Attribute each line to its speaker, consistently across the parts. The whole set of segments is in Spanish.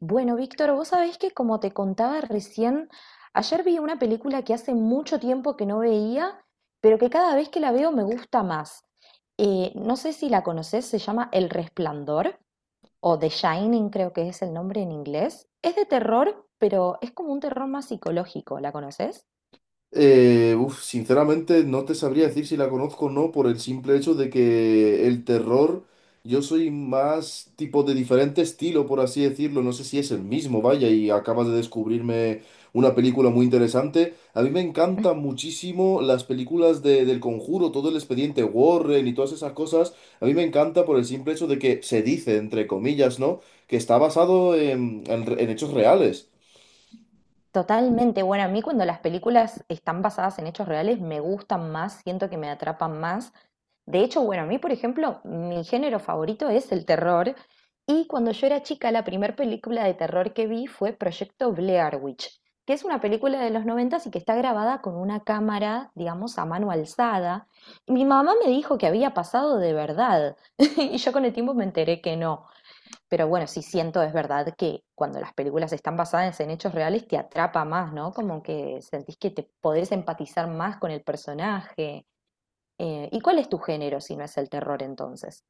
Speaker 1: Bueno, Víctor, vos sabés que como te contaba recién, ayer vi una película que hace mucho tiempo que no veía, pero que cada vez que la veo me gusta más. No sé si la conocés, se llama El Resplandor o The Shining, creo que es el nombre en inglés. Es de terror, pero es como un terror más psicológico, ¿la conoces?
Speaker 2: Sinceramente no te sabría decir si la conozco o no por el simple hecho de que el terror, yo soy más tipo de diferente estilo, por así decirlo. No sé si es el mismo, vaya, y acabas de descubrirme una película muy interesante. A mí me encantan muchísimo las películas del Conjuro, todo el expediente Warren y todas esas cosas. A mí me encanta por el simple hecho de que se dice, entre comillas, ¿no? Que está basado en hechos reales.
Speaker 1: Totalmente. Bueno, a mí cuando las películas están basadas en hechos reales me gustan más, siento que me atrapan más. De hecho, bueno, a mí, por ejemplo, mi género favorito es el terror. Y cuando yo era chica, la primera película de terror que vi fue Proyecto Blair Witch, que es una película de los 90 y que está grabada con una cámara, digamos, a mano alzada. Mi mamá me dijo que había pasado de verdad y yo con el tiempo me enteré que no. Pero bueno, sí siento, es verdad, que cuando las películas están basadas en hechos reales te atrapa más, ¿no? Como que sentís que te podés empatizar más con el personaje. ¿Y cuál es tu género si no es el terror entonces?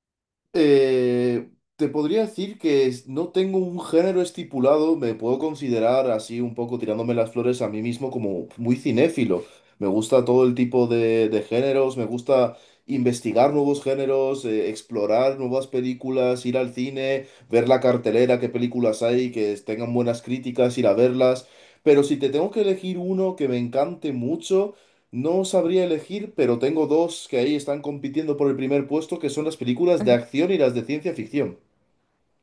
Speaker 2: Eh, te podría decir que no tengo un género estipulado, me puedo considerar así un poco tirándome las flores a mí mismo como muy cinéfilo. Me gusta todo el tipo de géneros, me gusta investigar nuevos géneros, explorar nuevas películas, ir al cine, ver la cartelera, qué películas hay, que tengan buenas críticas, ir a verlas. Pero si te tengo que elegir uno que me encante mucho, no sabría elegir, pero tengo dos que ahí están compitiendo por el primer puesto, que son las películas de
Speaker 1: Ujú.
Speaker 2: acción y las de ciencia ficción.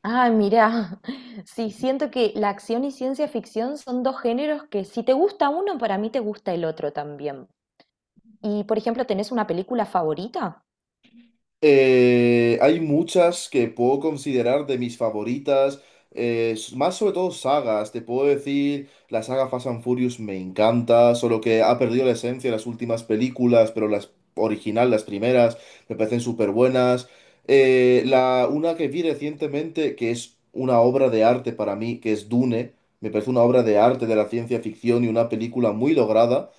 Speaker 1: Ah, mira, sí, siento que la acción y ciencia ficción son dos géneros que si te gusta uno, para mí te gusta el otro también. Y, por ejemplo, ¿tenés una película favorita?
Speaker 2: Hay muchas que puedo considerar de mis favoritas, más sobre todo sagas. Te puedo decir, la saga Fast and Furious me encanta, solo que ha perdido la esencia de las últimas películas, pero las originales, las primeras, me parecen súper buenas. Una que vi recientemente, que es una obra de arte para mí, que es Dune, me parece una obra de arte de la ciencia ficción y una película muy lograda.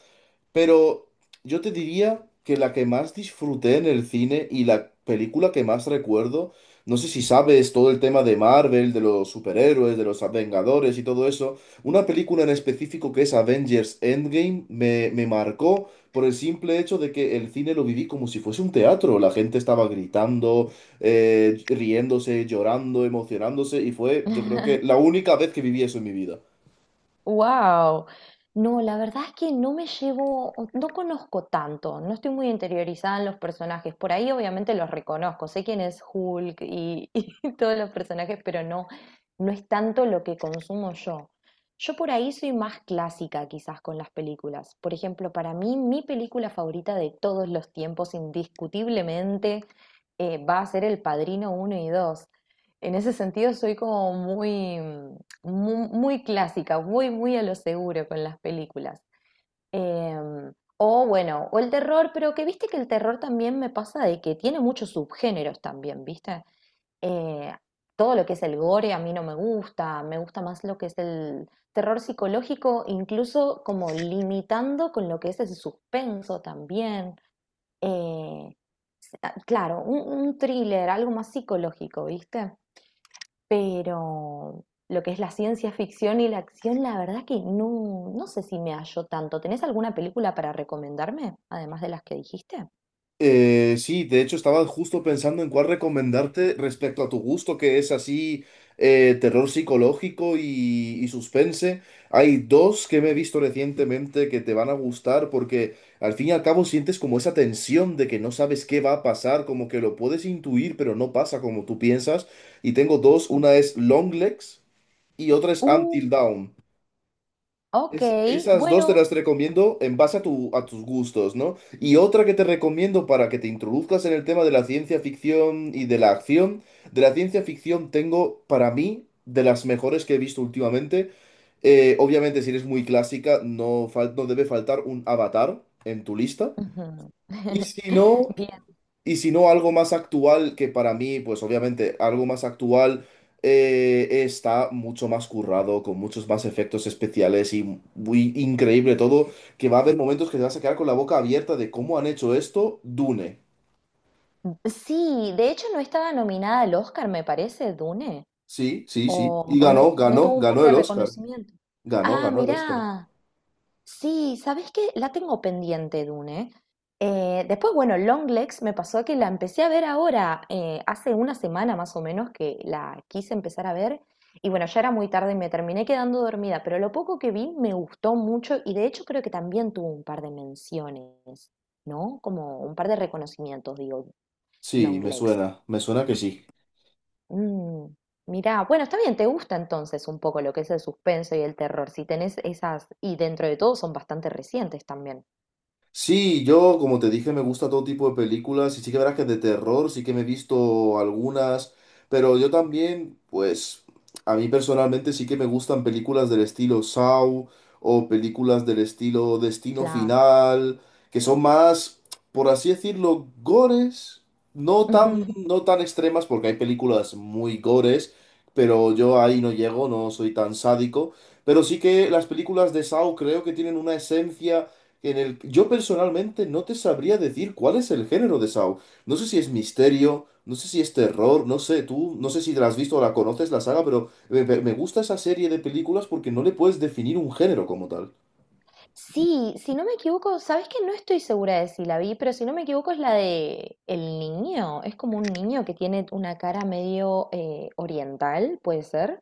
Speaker 2: Pero yo te diría que la que más disfruté en el cine y la película que más recuerdo, no sé si sabes todo el tema de Marvel, de los superhéroes, de los Vengadores y todo eso, una película en específico que es Avengers Endgame me marcó por el simple hecho de que el cine lo viví como si fuese un teatro. La gente estaba gritando, riéndose, llorando, emocionándose y fue, yo creo que la única vez que viví eso en mi vida.
Speaker 1: Wow. No, la verdad es que no me llevo, no conozco tanto, no estoy muy interiorizada en los personajes. Por ahí obviamente los reconozco, sé quién es Hulk y, y todos los personajes, pero no, no es tanto lo que consumo yo. Yo por ahí soy más clásica quizás con las películas. Por ejemplo, para mí mi película favorita de todos los tiempos, indiscutiblemente, va a ser El Padrino uno y 2. En ese sentido soy como muy, clásica, muy, muy a lo seguro con las películas. Em, o bueno, o el terror, pero que viste que el terror también me pasa de que tiene muchos subgéneros también, ¿viste? Eh, Todo lo que es el gore a mí no me gusta, me gusta más lo que es el terror psicológico, incluso como limitando con lo que es el suspenso también. Eh, ah, claro, un thriller, algo más psicológico, ¿viste? Pero lo que es la ciencia ficción y la acción, la verdad que no, no sé si me hallo tanto. ¿Tenés alguna película para recomendarme, además de las que dijiste?
Speaker 2: Sí, de hecho estaba justo pensando en cuál recomendarte respecto a tu gusto, que es así terror psicológico y suspense. Hay dos que me he visto recientemente que te van a gustar porque al fin y al cabo sientes como esa tensión de que no sabes qué va a pasar, como que lo puedes intuir, pero no pasa como tú piensas. Y tengo dos,
Speaker 1: Sí.
Speaker 2: una es Long Legs y otra es Until
Speaker 1: Uh,
Speaker 2: Dawn.
Speaker 1: ok,
Speaker 2: Esas dos te
Speaker 1: bueno.
Speaker 2: las recomiendo en base a tus gustos, ¿no? Y otra que te recomiendo para que te introduzcas en el tema de la ciencia ficción y de la acción. De la ciencia ficción tengo, para mí, de las mejores que he visto últimamente. Obviamente, si eres muy clásica, no, no debe faltar un Avatar en tu lista.
Speaker 1: Ujú.
Speaker 2: Y si no,
Speaker 1: Bien.
Speaker 2: algo más actual, que para mí, pues obviamente, algo más actual está mucho más currado, con muchos más efectos especiales y muy increíble todo, que va a haber momentos que te vas a quedar con la boca abierta de cómo han hecho esto, Dune.
Speaker 1: Sí, de hecho no estaba nominada al Oscar, me parece, Dune.
Speaker 2: Sí, sí, sí.
Speaker 1: O,
Speaker 2: Y
Speaker 1: o no,
Speaker 2: ganó,
Speaker 1: no tuvo un par
Speaker 2: ganó
Speaker 1: de
Speaker 2: el Oscar.
Speaker 1: reconocimientos.
Speaker 2: Ganó,
Speaker 1: Ah,
Speaker 2: ganó el Oscar.
Speaker 1: mirá. Sí, ¿sabés qué? La tengo pendiente, Dune. Después, bueno, Longlegs me pasó que la empecé a ver ahora, hace una semana más o menos que la quise empezar a ver. Y bueno, ya era muy tarde y me terminé quedando dormida, pero lo poco que vi me gustó mucho y de hecho creo que también tuvo un par de menciones, ¿no? Como un par de reconocimientos, digo,
Speaker 2: Sí,
Speaker 1: Longlegs.
Speaker 2: me suena que sí.
Speaker 1: Mm, Mirá, bueno, está bien, te gusta entonces un poco lo que es el suspenso y el terror, si tenés esas, y dentro de todo son bastante recientes también.
Speaker 2: Sí, yo, como te dije, me gusta todo tipo de películas y sí que verás que de terror sí que me he visto algunas, pero yo también, pues, a mí personalmente sí que me gustan películas del estilo Saw o películas del estilo Destino
Speaker 1: Claro.
Speaker 2: Final, que son más, por así decirlo, gores,
Speaker 1: Ujú.
Speaker 2: no tan extremas, porque hay películas muy gores, pero yo ahí no llego, no soy tan sádico, pero sí que las películas de Saw creo que tienen una esencia en el, yo personalmente no te sabría decir cuál es el género de Saw. No sé si es misterio, no sé si es terror, no sé, tú, no sé si la has visto o la conoces la saga, pero me gusta esa serie de películas porque no le puedes definir un género como tal.
Speaker 1: Sí, si no me equivoco, sabes que no estoy segura de si la vi, pero si no me equivoco es la de el niño. Es como un niño que tiene una cara medio oriental, puede ser,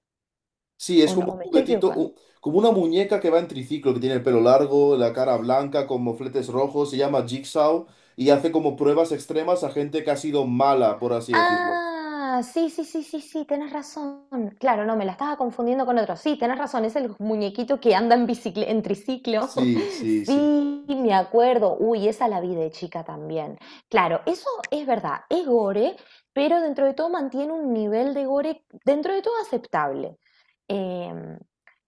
Speaker 2: Sí, es
Speaker 1: o no,
Speaker 2: como
Speaker 1: o me
Speaker 2: un
Speaker 1: estoy
Speaker 2: juguetito,
Speaker 1: equivocando.
Speaker 2: como una muñeca que va en triciclo, que tiene el pelo largo, la cara blanca, con mofletes rojos, se llama Jigsaw y hace como pruebas extremas a gente que ha sido mala, por así decirlo.
Speaker 1: Ah, sí, sí, sí, sí, sí, tienes razón. Claro, no, me la estaba confundiendo con otro. Sí, tienes razón, es el muñequito que anda en en triciclo.
Speaker 2: Sí, sí, sí.
Speaker 1: Sí, me acuerdo. Uy, esa la vi de chica también. Claro, eso es verdad, es gore, pero dentro de todo mantiene un nivel de gore dentro de todo aceptable. Em,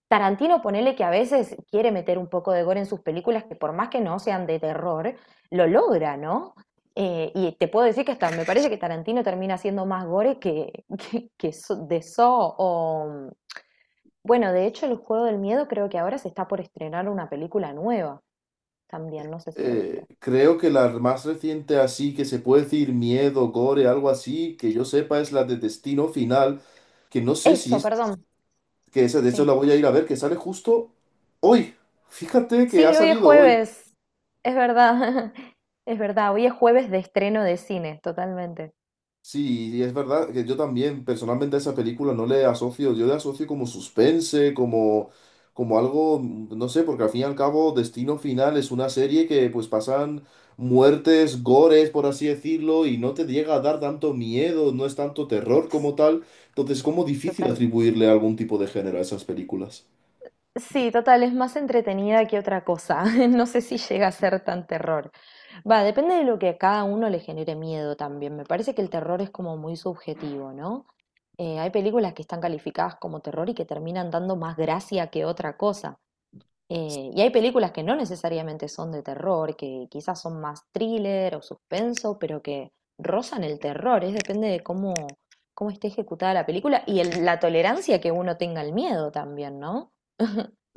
Speaker 1: Tarantino, ponele que a veces quiere meter un poco de gore en sus películas, que por más que no sean de terror, lo logra, ¿no? Y te puedo decir que hasta me parece que Tarantino termina siendo más gore que, de So o... Bueno, de hecho, el Juego del Miedo creo que ahora se está por estrenar una película nueva también, no sé si lo
Speaker 2: eh,
Speaker 1: viste.
Speaker 2: creo que la más reciente así, que se puede decir miedo, gore, algo así, que yo sepa es la de Destino Final, que no sé si
Speaker 1: Eso,
Speaker 2: es,
Speaker 1: perdón.
Speaker 2: que esa de hecho
Speaker 1: Sí.
Speaker 2: la voy a ir a ver, que sale justo hoy. Fíjate que ha
Speaker 1: Sí, hoy es
Speaker 2: salido hoy.
Speaker 1: jueves. Es verdad. Es verdad, hoy es jueves de estreno de cine, totalmente.
Speaker 2: Sí, y es verdad que yo también personalmente a esa película no le asocio, yo le asocio como suspense, como, como algo, no sé, porque al fin y al cabo Destino Final es una serie que pues pasan muertes, gores, por así decirlo, y no te llega a dar tanto miedo, no es tanto terror como tal, entonces es como difícil
Speaker 1: Total.
Speaker 2: atribuirle algún tipo de género a esas películas.
Speaker 1: Sí, total, es más entretenida que otra cosa. No sé si llega a ser tan terror. Va, depende de lo que a cada uno le genere miedo también. Me parece que el terror es como muy subjetivo, ¿no? Hay películas que están calificadas como terror y que terminan dando más gracia que otra cosa. Y hay películas que no necesariamente son de terror, que quizás son más thriller o suspenso, pero que rozan el terror. Es depende de cómo, cómo esté ejecutada la película y la tolerancia que uno tenga al miedo también, ¿no?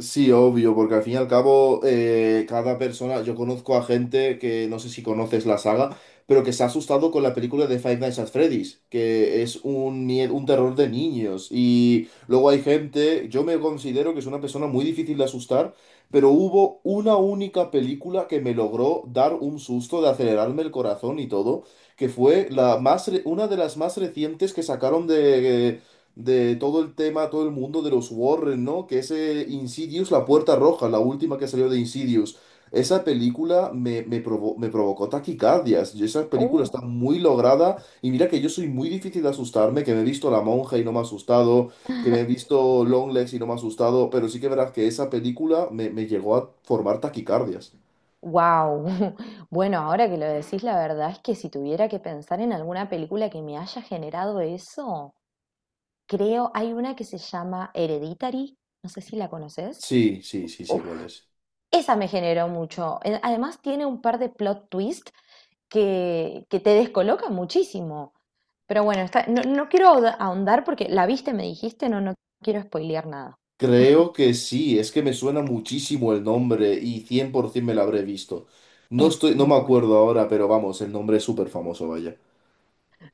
Speaker 2: Sí, obvio, porque al fin y al cabo cada persona, yo conozco a gente que no sé si conoces la saga, pero que se ha asustado con la película de Five Nights at Freddy's, que es un, un terror de niños. Y luego hay gente, yo me considero que es una persona muy difícil de asustar, pero hubo una única película que me logró dar un susto de acelerarme el corazón y todo, que fue la más, una de las más recientes que sacaron de todo el tema, todo el mundo de los Warren, ¿no? Que ese Insidious, La Puerta Roja, la última que salió de Insidious. Esa película me provocó taquicardias. Y esa película
Speaker 1: Uh,
Speaker 2: está muy lograda. Y mira que yo soy muy difícil de asustarme, que me he visto La Monja y no me ha asustado, que me he visto Longlegs y no me ha asustado. Pero sí que verás que esa película me llegó a formar taquicardias.
Speaker 1: Wow. Bueno, ahora que lo decís, la verdad es que si tuviera que pensar en alguna película que me haya generado eso, creo hay una que se llama Hereditary, no sé si la conoces.
Speaker 2: Sí, sí, sí, sí,
Speaker 1: Uf,
Speaker 2: igual es.
Speaker 1: esa me generó mucho. Además tiene un par de plot twist que te descolocan muchísimo. Pero bueno, no, no quiero ahondar porque la viste, me dijiste, no, no quiero spoilear nada.
Speaker 2: Creo que sí, es que me suena muchísimo el nombre y 100% me lo habré visto.
Speaker 1: Es
Speaker 2: No me
Speaker 1: muy buena.
Speaker 2: acuerdo ahora, pero vamos, el nombre es súper famoso, vaya.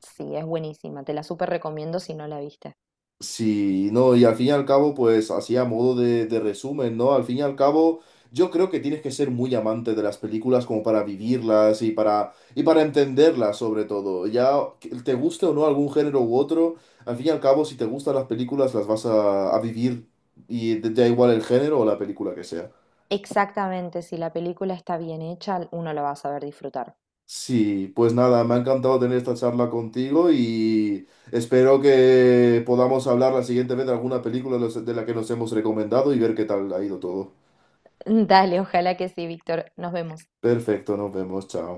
Speaker 1: Sí, es buenísima. Te la súper recomiendo si no la viste.
Speaker 2: Sí, no, y al fin y al cabo, pues así a modo de resumen, ¿no? Al fin y al cabo, yo creo que tienes que ser muy amante de las películas como para vivirlas y para entenderlas sobre todo. Ya que te guste o no algún género u otro, al fin y al cabo, si te gustan las películas, las vas a vivir y da igual el género o la película que sea.
Speaker 1: Exactamente, si la película está bien hecha, uno la va a saber disfrutar.
Speaker 2: Sí, pues nada, me ha encantado tener esta charla contigo y espero que podamos hablar la siguiente vez de alguna película de de la que nos hemos recomendado y ver qué tal ha ido todo.
Speaker 1: Dale, ojalá que sí, Víctor. Nos vemos.
Speaker 2: Perfecto, nos vemos, chao.